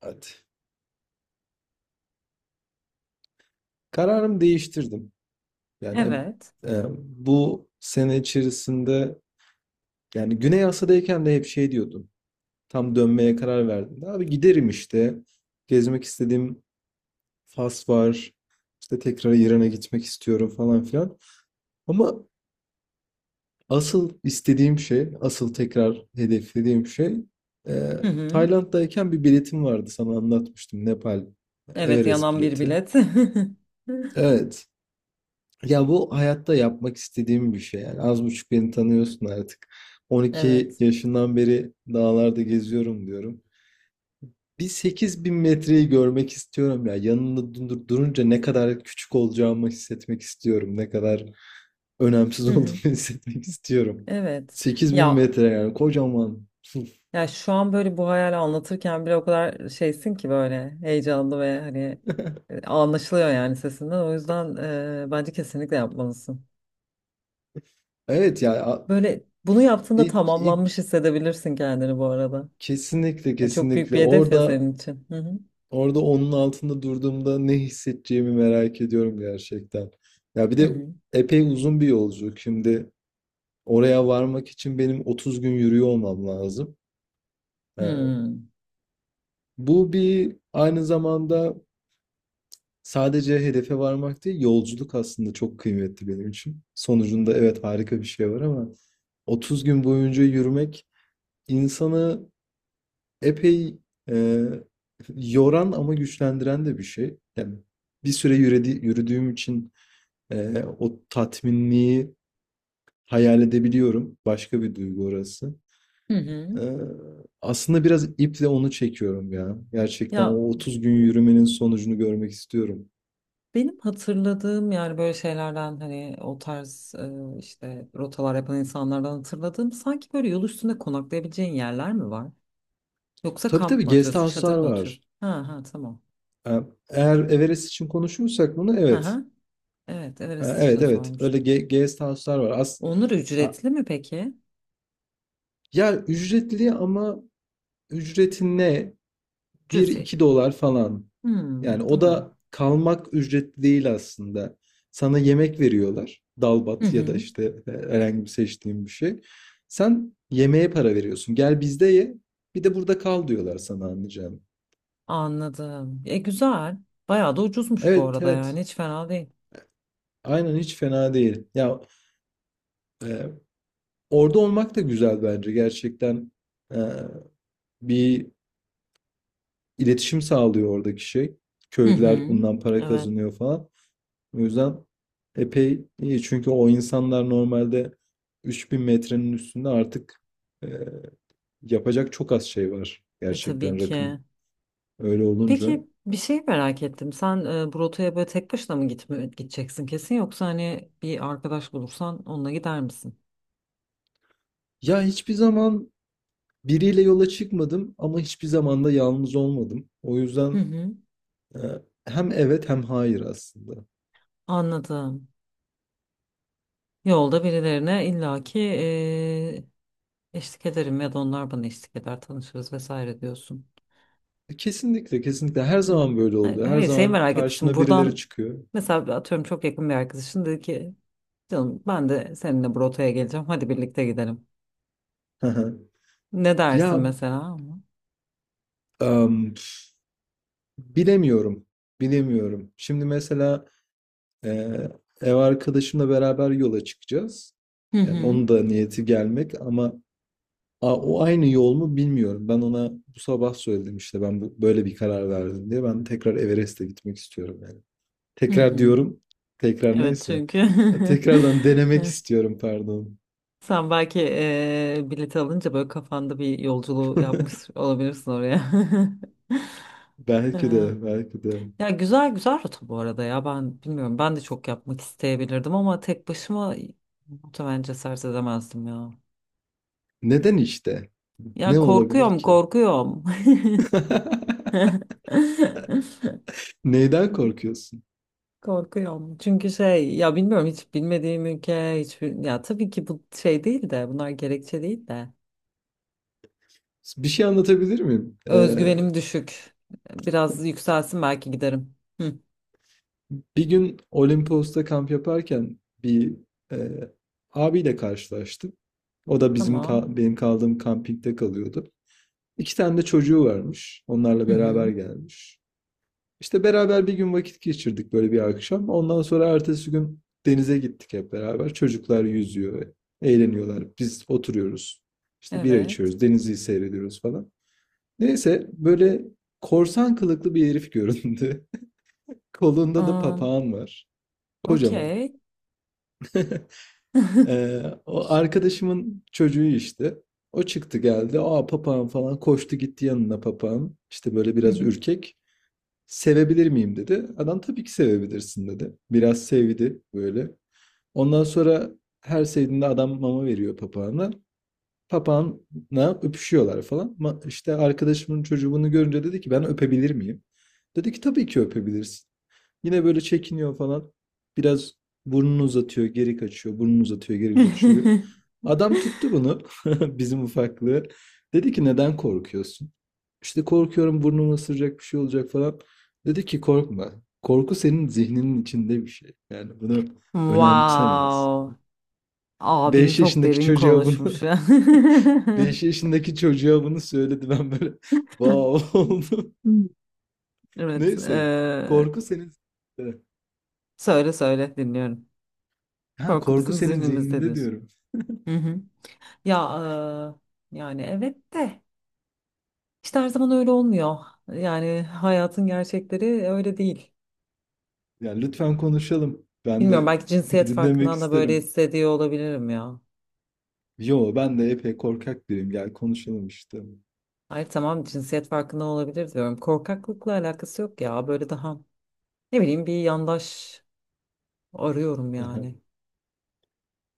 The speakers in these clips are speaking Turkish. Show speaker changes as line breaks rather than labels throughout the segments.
Hadi. Kararımı değiştirdim. Yani hep,
Evet.
bu sene içerisinde yani Güney Asya'dayken de hep şey diyordum. Tam dönmeye karar verdim. Abi giderim işte. Gezmek istediğim Fas var. İşte tekrar İran'a gitmek istiyorum falan filan. Ama asıl istediğim şey, asıl tekrar hedeflediğim şey e,
Hı hı.
Tayland'dayken bir biletim vardı, sana anlatmıştım. Nepal
Evet,
Everest
yanan bir
bileti.
bilet.
Evet. Ya bu hayatta yapmak istediğim bir şey yani. Az buçuk beni tanıyorsun artık. 12
Evet.
yaşından beri dağlarda geziyorum diyorum. Bir 8.000 metreyi görmek istiyorum ya. Yanında durunca ne kadar küçük olacağımı hissetmek istiyorum. Ne kadar önemsiz
Hı
olduğumu
hı.
hissetmek istiyorum.
Evet.
sekiz bin
Ya
metre yani kocaman.
ya, şu an böyle bu hayali anlatırken bile o kadar şeysin ki böyle heyecanlı ve hani anlaşılıyor yani sesinden. O yüzden bence kesinlikle yapmalısın.
Evet ya,
Böyle bunu yaptığında
ilk
tamamlanmış hissedebilirsin kendini bu arada.
kesinlikle
Yani çok büyük
kesinlikle
bir hedef ya
orada.
senin için. Hı hı.
Orada onun altında durduğumda ne hissedeceğimi merak ediyorum gerçekten. Ya bir
Hı
de
hı.
epey uzun bir yolculuk. Şimdi oraya varmak için benim 30 gün yürüyor olmam lazım.
Hı
Ee,
hı.
Bu bir aynı zamanda sadece hedefe varmak değil, yolculuk aslında çok kıymetli benim için. Sonucunda evet harika bir şey var ama 30 gün boyunca yürümek insanı epey e, yoran ama güçlendiren de bir şey. Yani bir süre yürüdüğüm için o tatminliği hayal edebiliyorum. Başka bir duygu orası.
Hı hı.
Ee, Aslında biraz iple onu çekiyorum ya. Gerçekten
Ya,
o 30 gün yürümenin sonucunu görmek istiyorum.
benim hatırladığım yani böyle şeylerden hani o tarz işte rotalar yapan insanlardan hatırladığım sanki böyle yol üstünde konaklayabileceğin yerler mi var? Yoksa
Tabii
kamp
tabii,
mı
guest
atıyorsun, çadır
house'lar
mı
var.
atıyorsun? Ha ha, tamam.
Ee, Eğer Everest için konuşuyorsak bunu,
Ha
evet.
ha. Evet, Everest için
Evet evet, öyle
sormuştum.
guest house'lar var.
Onlar
A-
ücretli mi peki?
Ya ücretli ama ücreti ne? Bir
Cüzi.
iki dolar falan.
Hmm,
Yani o
tamam.
da kalmak ücretli değil aslında. Sana yemek veriyorlar.
Hı
Dalbat ya da
hı.
işte herhangi bir seçtiğin bir şey. Sen yemeğe para veriyorsun. Gel bizde ye. Bir de burada kal diyorlar sana, anlayacağım.
Anladım. E güzel. Bayağı da ucuzmuş bu
Evet
arada,
evet.
yani hiç fena değil.
Aynen, hiç fena değil. Ya e, orada olmak da güzel bence. Gerçekten e, bir iletişim sağlıyor oradaki şey.
Hı
Köylüler
hı.
bundan para
Evet.
kazanıyor falan. O yüzden epey iyi. Çünkü o insanlar normalde 3.000 metrenin üstünde artık e, yapacak çok az şey var.
E tabii
Gerçekten
ki.
rakım öyle olunca.
Peki bir şey merak ettim. Sen bu rotaya böyle tek başına mı gitme, gideceksin kesin, yoksa hani bir arkadaş bulursan onunla gider misin?
Ya hiçbir zaman biriyle yola çıkmadım ama hiçbir zaman da yalnız olmadım. O
Hı
yüzden
hı.
e, hem evet hem hayır aslında.
Anladım. Yolda birilerine illaki eşlik ederim ya da onlar bana eşlik eder, tanışırız vesaire diyorsun.
Kesinlikle kesinlikle her
Hı.
zaman böyle
Hayır,
oluyor. Her
hayır, şeyi
zaman
merak etmiştim.
karşına birileri
Buradan
çıkıyor.
mesela atıyorum çok yakın bir arkadaşın dedi ki canım ben de seninle bu rotaya geleceğim. Hadi birlikte gidelim. Ne dersin
Ya
mesela?
em, bilemiyorum. Bilemiyorum. Şimdi mesela Ee, ev arkadaşımla beraber yola çıkacağız.
Hı
Yani
hı.
onun da niyeti gelmek ama o aynı yol mu bilmiyorum. Ben ona bu sabah söyledim işte, ben bu, böyle bir karar verdim diye. Ben tekrar Everest'e gitmek istiyorum yani.
Hı
Tekrar
hı.
diyorum. Tekrar,
Evet
neyse.
çünkü
Tekrardan denemek istiyorum, pardon.
sen belki bilet alınca böyle kafanda bir yolculuğu yapmış olabilirsin oraya.
Belki
Eee,
de, belki de.
ya, güzel rota bu arada ya, ben bilmiyorum, ben de çok yapmak isteyebilirdim ama tek başıma muhtemelen cesaret edemezdim ya.
Neden işte?
Ya
Ne olabilir
korkuyorum
ki?
korkuyorum.
Neyden korkuyorsun?
Korkuyorum. Çünkü şey ya, bilmiyorum, hiç bilmediğim ülke, ya tabii ki bu şey değil de, bunlar gerekçe değil de.
Bir şey anlatabilir miyim?
Özgüvenim düşük. Biraz yükselsin belki giderim. Hı,
Bir gün Olimpos'ta kamp yaparken bir e, abiyle karşılaştım. O da bizim
tamam.
benim kaldığım kampingde kalıyordu. İki tane de çocuğu varmış. Onlarla
Hı hı.
beraber gelmiş. İşte beraber bir gün vakit geçirdik, böyle bir akşam. Ondan sonra ertesi gün denize gittik hep beraber. Çocuklar yüzüyor, eğleniyorlar. Biz oturuyoruz. İşte bira
Evet.
içiyoruz, denizi seyrediyoruz falan. Neyse, böyle korsan kılıklı bir herif göründü. Kolunda da
Um,
papağan var. Kocaman.
okey.
O arkadaşımın çocuğu işte. O çıktı geldi. Aa papağan falan, koştu gitti yanına papağan. İşte böyle
Hı
biraz
hı.
ürkek. Sevebilir miyim dedi. Adam tabii ki sevebilirsin dedi. Biraz sevdi böyle. Ondan sonra her sevdiğinde adam mama veriyor papağana. Papağanla öpüşüyorlar falan. İşte arkadaşımın çocuğu bunu görünce dedi ki, ben öpebilir miyim? Dedi ki, tabii ki öpebilirsin. Yine böyle çekiniyor falan. Biraz burnunu uzatıyor, geri kaçıyor. Burnunu uzatıyor, geri kaçıyor. Adam tuttu bunu. Bizim ufaklığı. Dedi ki, neden korkuyorsun? İşte korkuyorum, burnumu ısıracak bir şey olacak falan. Dedi ki, korkma. Korku senin zihninin içinde bir şey. Yani bunu önemseme aslında.
Wow. Abim
5
çok
yaşındaki
derin
çocuğa bunu
konuşmuş ya.
5 yaşındaki çocuğa bunu söyledi. Ben böyle wow oldum.
Hmm. Evet.
Neyse. Korku senin, evet.
Söyle söyle, dinliyorum.
Ha,
Korku
korku
bizim
senin
zihnimizde
zihninde
diyorsun.
diyorum.
Hı hı. Ya, yani evet de işte her zaman öyle olmuyor. Yani hayatın gerçekleri öyle değil.
Yani lütfen konuşalım. Ben
Bilmiyorum,
de
belki cinsiyet
dinlemek
farkından da böyle
isterim.
hissediyor olabilirim ya.
Yo, ben de epey korkak biriyim. Gel konuşalım işte.
Hayır tamam, cinsiyet farkından olabilir diyorum. Korkaklıkla alakası yok ya. Böyle daha ne bileyim, bir yandaş arıyorum
Aha.
yani.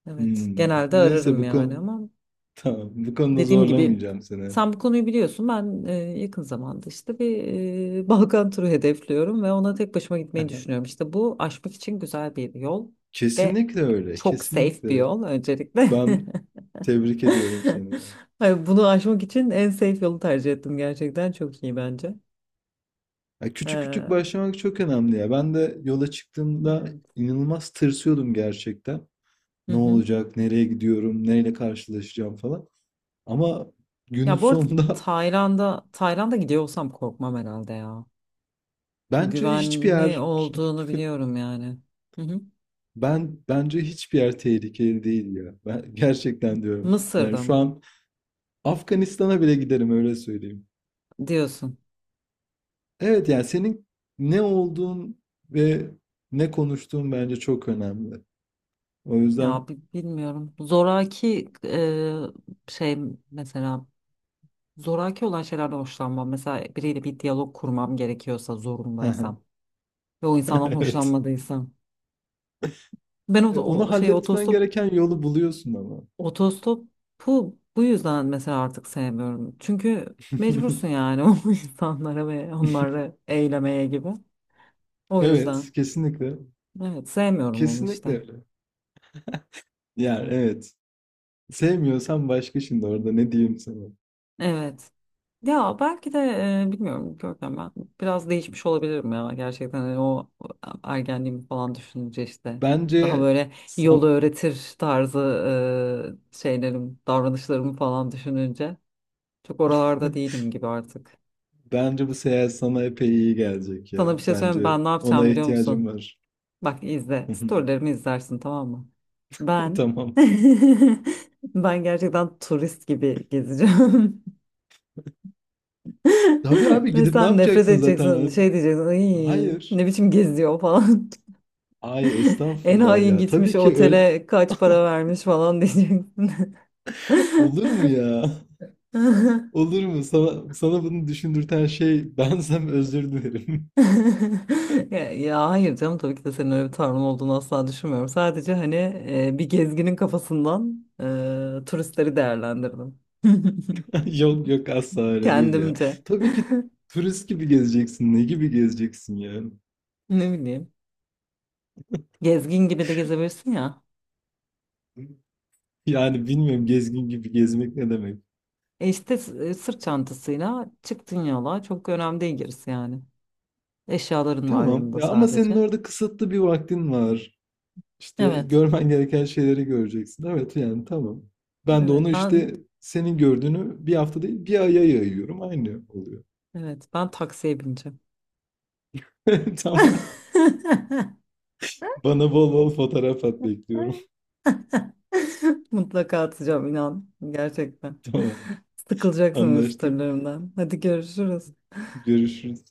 Evet
Hmm,
genelde
neyse,
ararım
bu
yani,
konu
ama
tamam, bu konuda
dediğim gibi
zorlamayacağım seni.
sen bu konuyu biliyorsun. Ben yakın zamanda işte bir Balkan turu hedefliyorum ve ona tek başıma gitmeyi düşünüyorum. İşte bu aşmak için güzel bir yol ve
Kesinlikle öyle.
çok safe bir
Kesinlikle.
yol öncelikle.
Ben tebrik ediyorum seni ya.
Hayır, bunu aşmak için en safe yolu tercih ettim gerçekten. Çok iyi bence.
Ya küçük küçük
Ee,
başlamak çok önemli ya. Ben de yola çıktığımda
evet.
inanılmaz tırsıyordum gerçekten.
Hı
Ne
hı.
olacak? Nereye gidiyorum? Neyle karşılaşacağım falan. Ama günün
Ya bu arada
sonunda
Tayland'a gidiyor olsam korkmam herhalde ya.
bence hiçbir
Güvenli
yer
olduğunu biliyorum yani. Hı hı.
ben bence hiçbir yer tehlikeli değil ya. Ben gerçekten diyorum. Yani
Mısır'da
şu
mı
an Afganistan'a bile giderim, öyle söyleyeyim.
diyorsun?
Evet yani senin ne olduğun ve ne konuştuğun bence çok önemli. O yüzden
Ya, bilmiyorum. Zoraki şey, mesela zoraki olan şeylerden hoşlanmam. Mesela biriyle bir diyalog kurmam gerekiyorsa, zorundaysam ve o insandan
evet.
hoşlanmadıysam. Ben o,
Onu
o şey
halletmen
otostop.
gereken yolu buluyorsun ama.
Otostopu bu yüzden mesela artık sevmiyorum. Çünkü mecbursun yani o insanlara ve onları eylemeye gibi. O
Evet,
yüzden.
kesinlikle.
Evet, sevmiyorum onu işte.
Kesinlikle öyle. Yani evet. Sevmiyorsan, başka şimdi orada ne diyeyim sana.
Evet. Ya belki de bilmiyorum Görkem, ben biraz değişmiş olabilirim ya gerçekten, hani o ergenliğimi falan düşününce işte daha
Bence
böyle yolu
san
öğretir tarzı şeylerim, davranışlarımı falan düşününce çok oralarda değilim gibi artık.
bence bu seyahat sana epey iyi gelecek ya.
Sana bir şey söyleyeyim mi?
Bence
Ben ne
ona
yapacağım biliyor
ihtiyacım
musun?
var.
Bak izle. Storylerimi izlersin tamam mı? Ben
Tamam.
ben gerçekten turist gibi gezeceğim.
Tabii abi,
Ve
gidip ne
sen nefret
yapacaksın zaten
edeceksin.
abi?
Şey diyeceksin. Ay,
Hayır.
ne biçim geziyor falan.
Ay estağfurullah
Enayi
ya.
gitmiş
Tabii ki öyle
otele kaç para vermiş falan diyeceksin.
olur mu ya? Olur mu? Sana bunu düşündürten şey bensem özür dilerim.
Ya, ya hayır canım, tabii ki de senin öyle bir tavrın olduğunu asla düşünmüyorum. Sadece hani bir gezginin kafasından turistleri değerlendirdim.
Yok yok, asla öyle değil ya.
Kendimce.
Tabii ki turist gibi gezeceksin. Ne gibi gezeceksin ya?
Ne bileyim. Gezgin gibi de gezebilirsin ya.
Yani bilmiyorum, gezgin gibi gezmek ne demek.
E işte sırt çantasıyla çıktın yola. Çok önemli değil gerisi yani. Eşyaların var
Tamam
yanında
ya, ama senin
sadece.
orada kısıtlı bir vaktin var. İşte
Evet.
görmen gereken şeyleri göreceksin. Evet yani, tamam. Ben de onu
Evet ben
işte, senin gördüğünü bir hafta değil bir aya yayıyorum. Aynı oluyor.
evet ben taksiye bineceğim.
Tamam. Bana bol bol fotoğraf at, bekliyorum.
Mutlaka atacağım inan. Gerçekten.
Tamam.
Sıkılacaksın benim
Anlaştık.
storylerimden. Hadi görüşürüz.
Görüşürüz.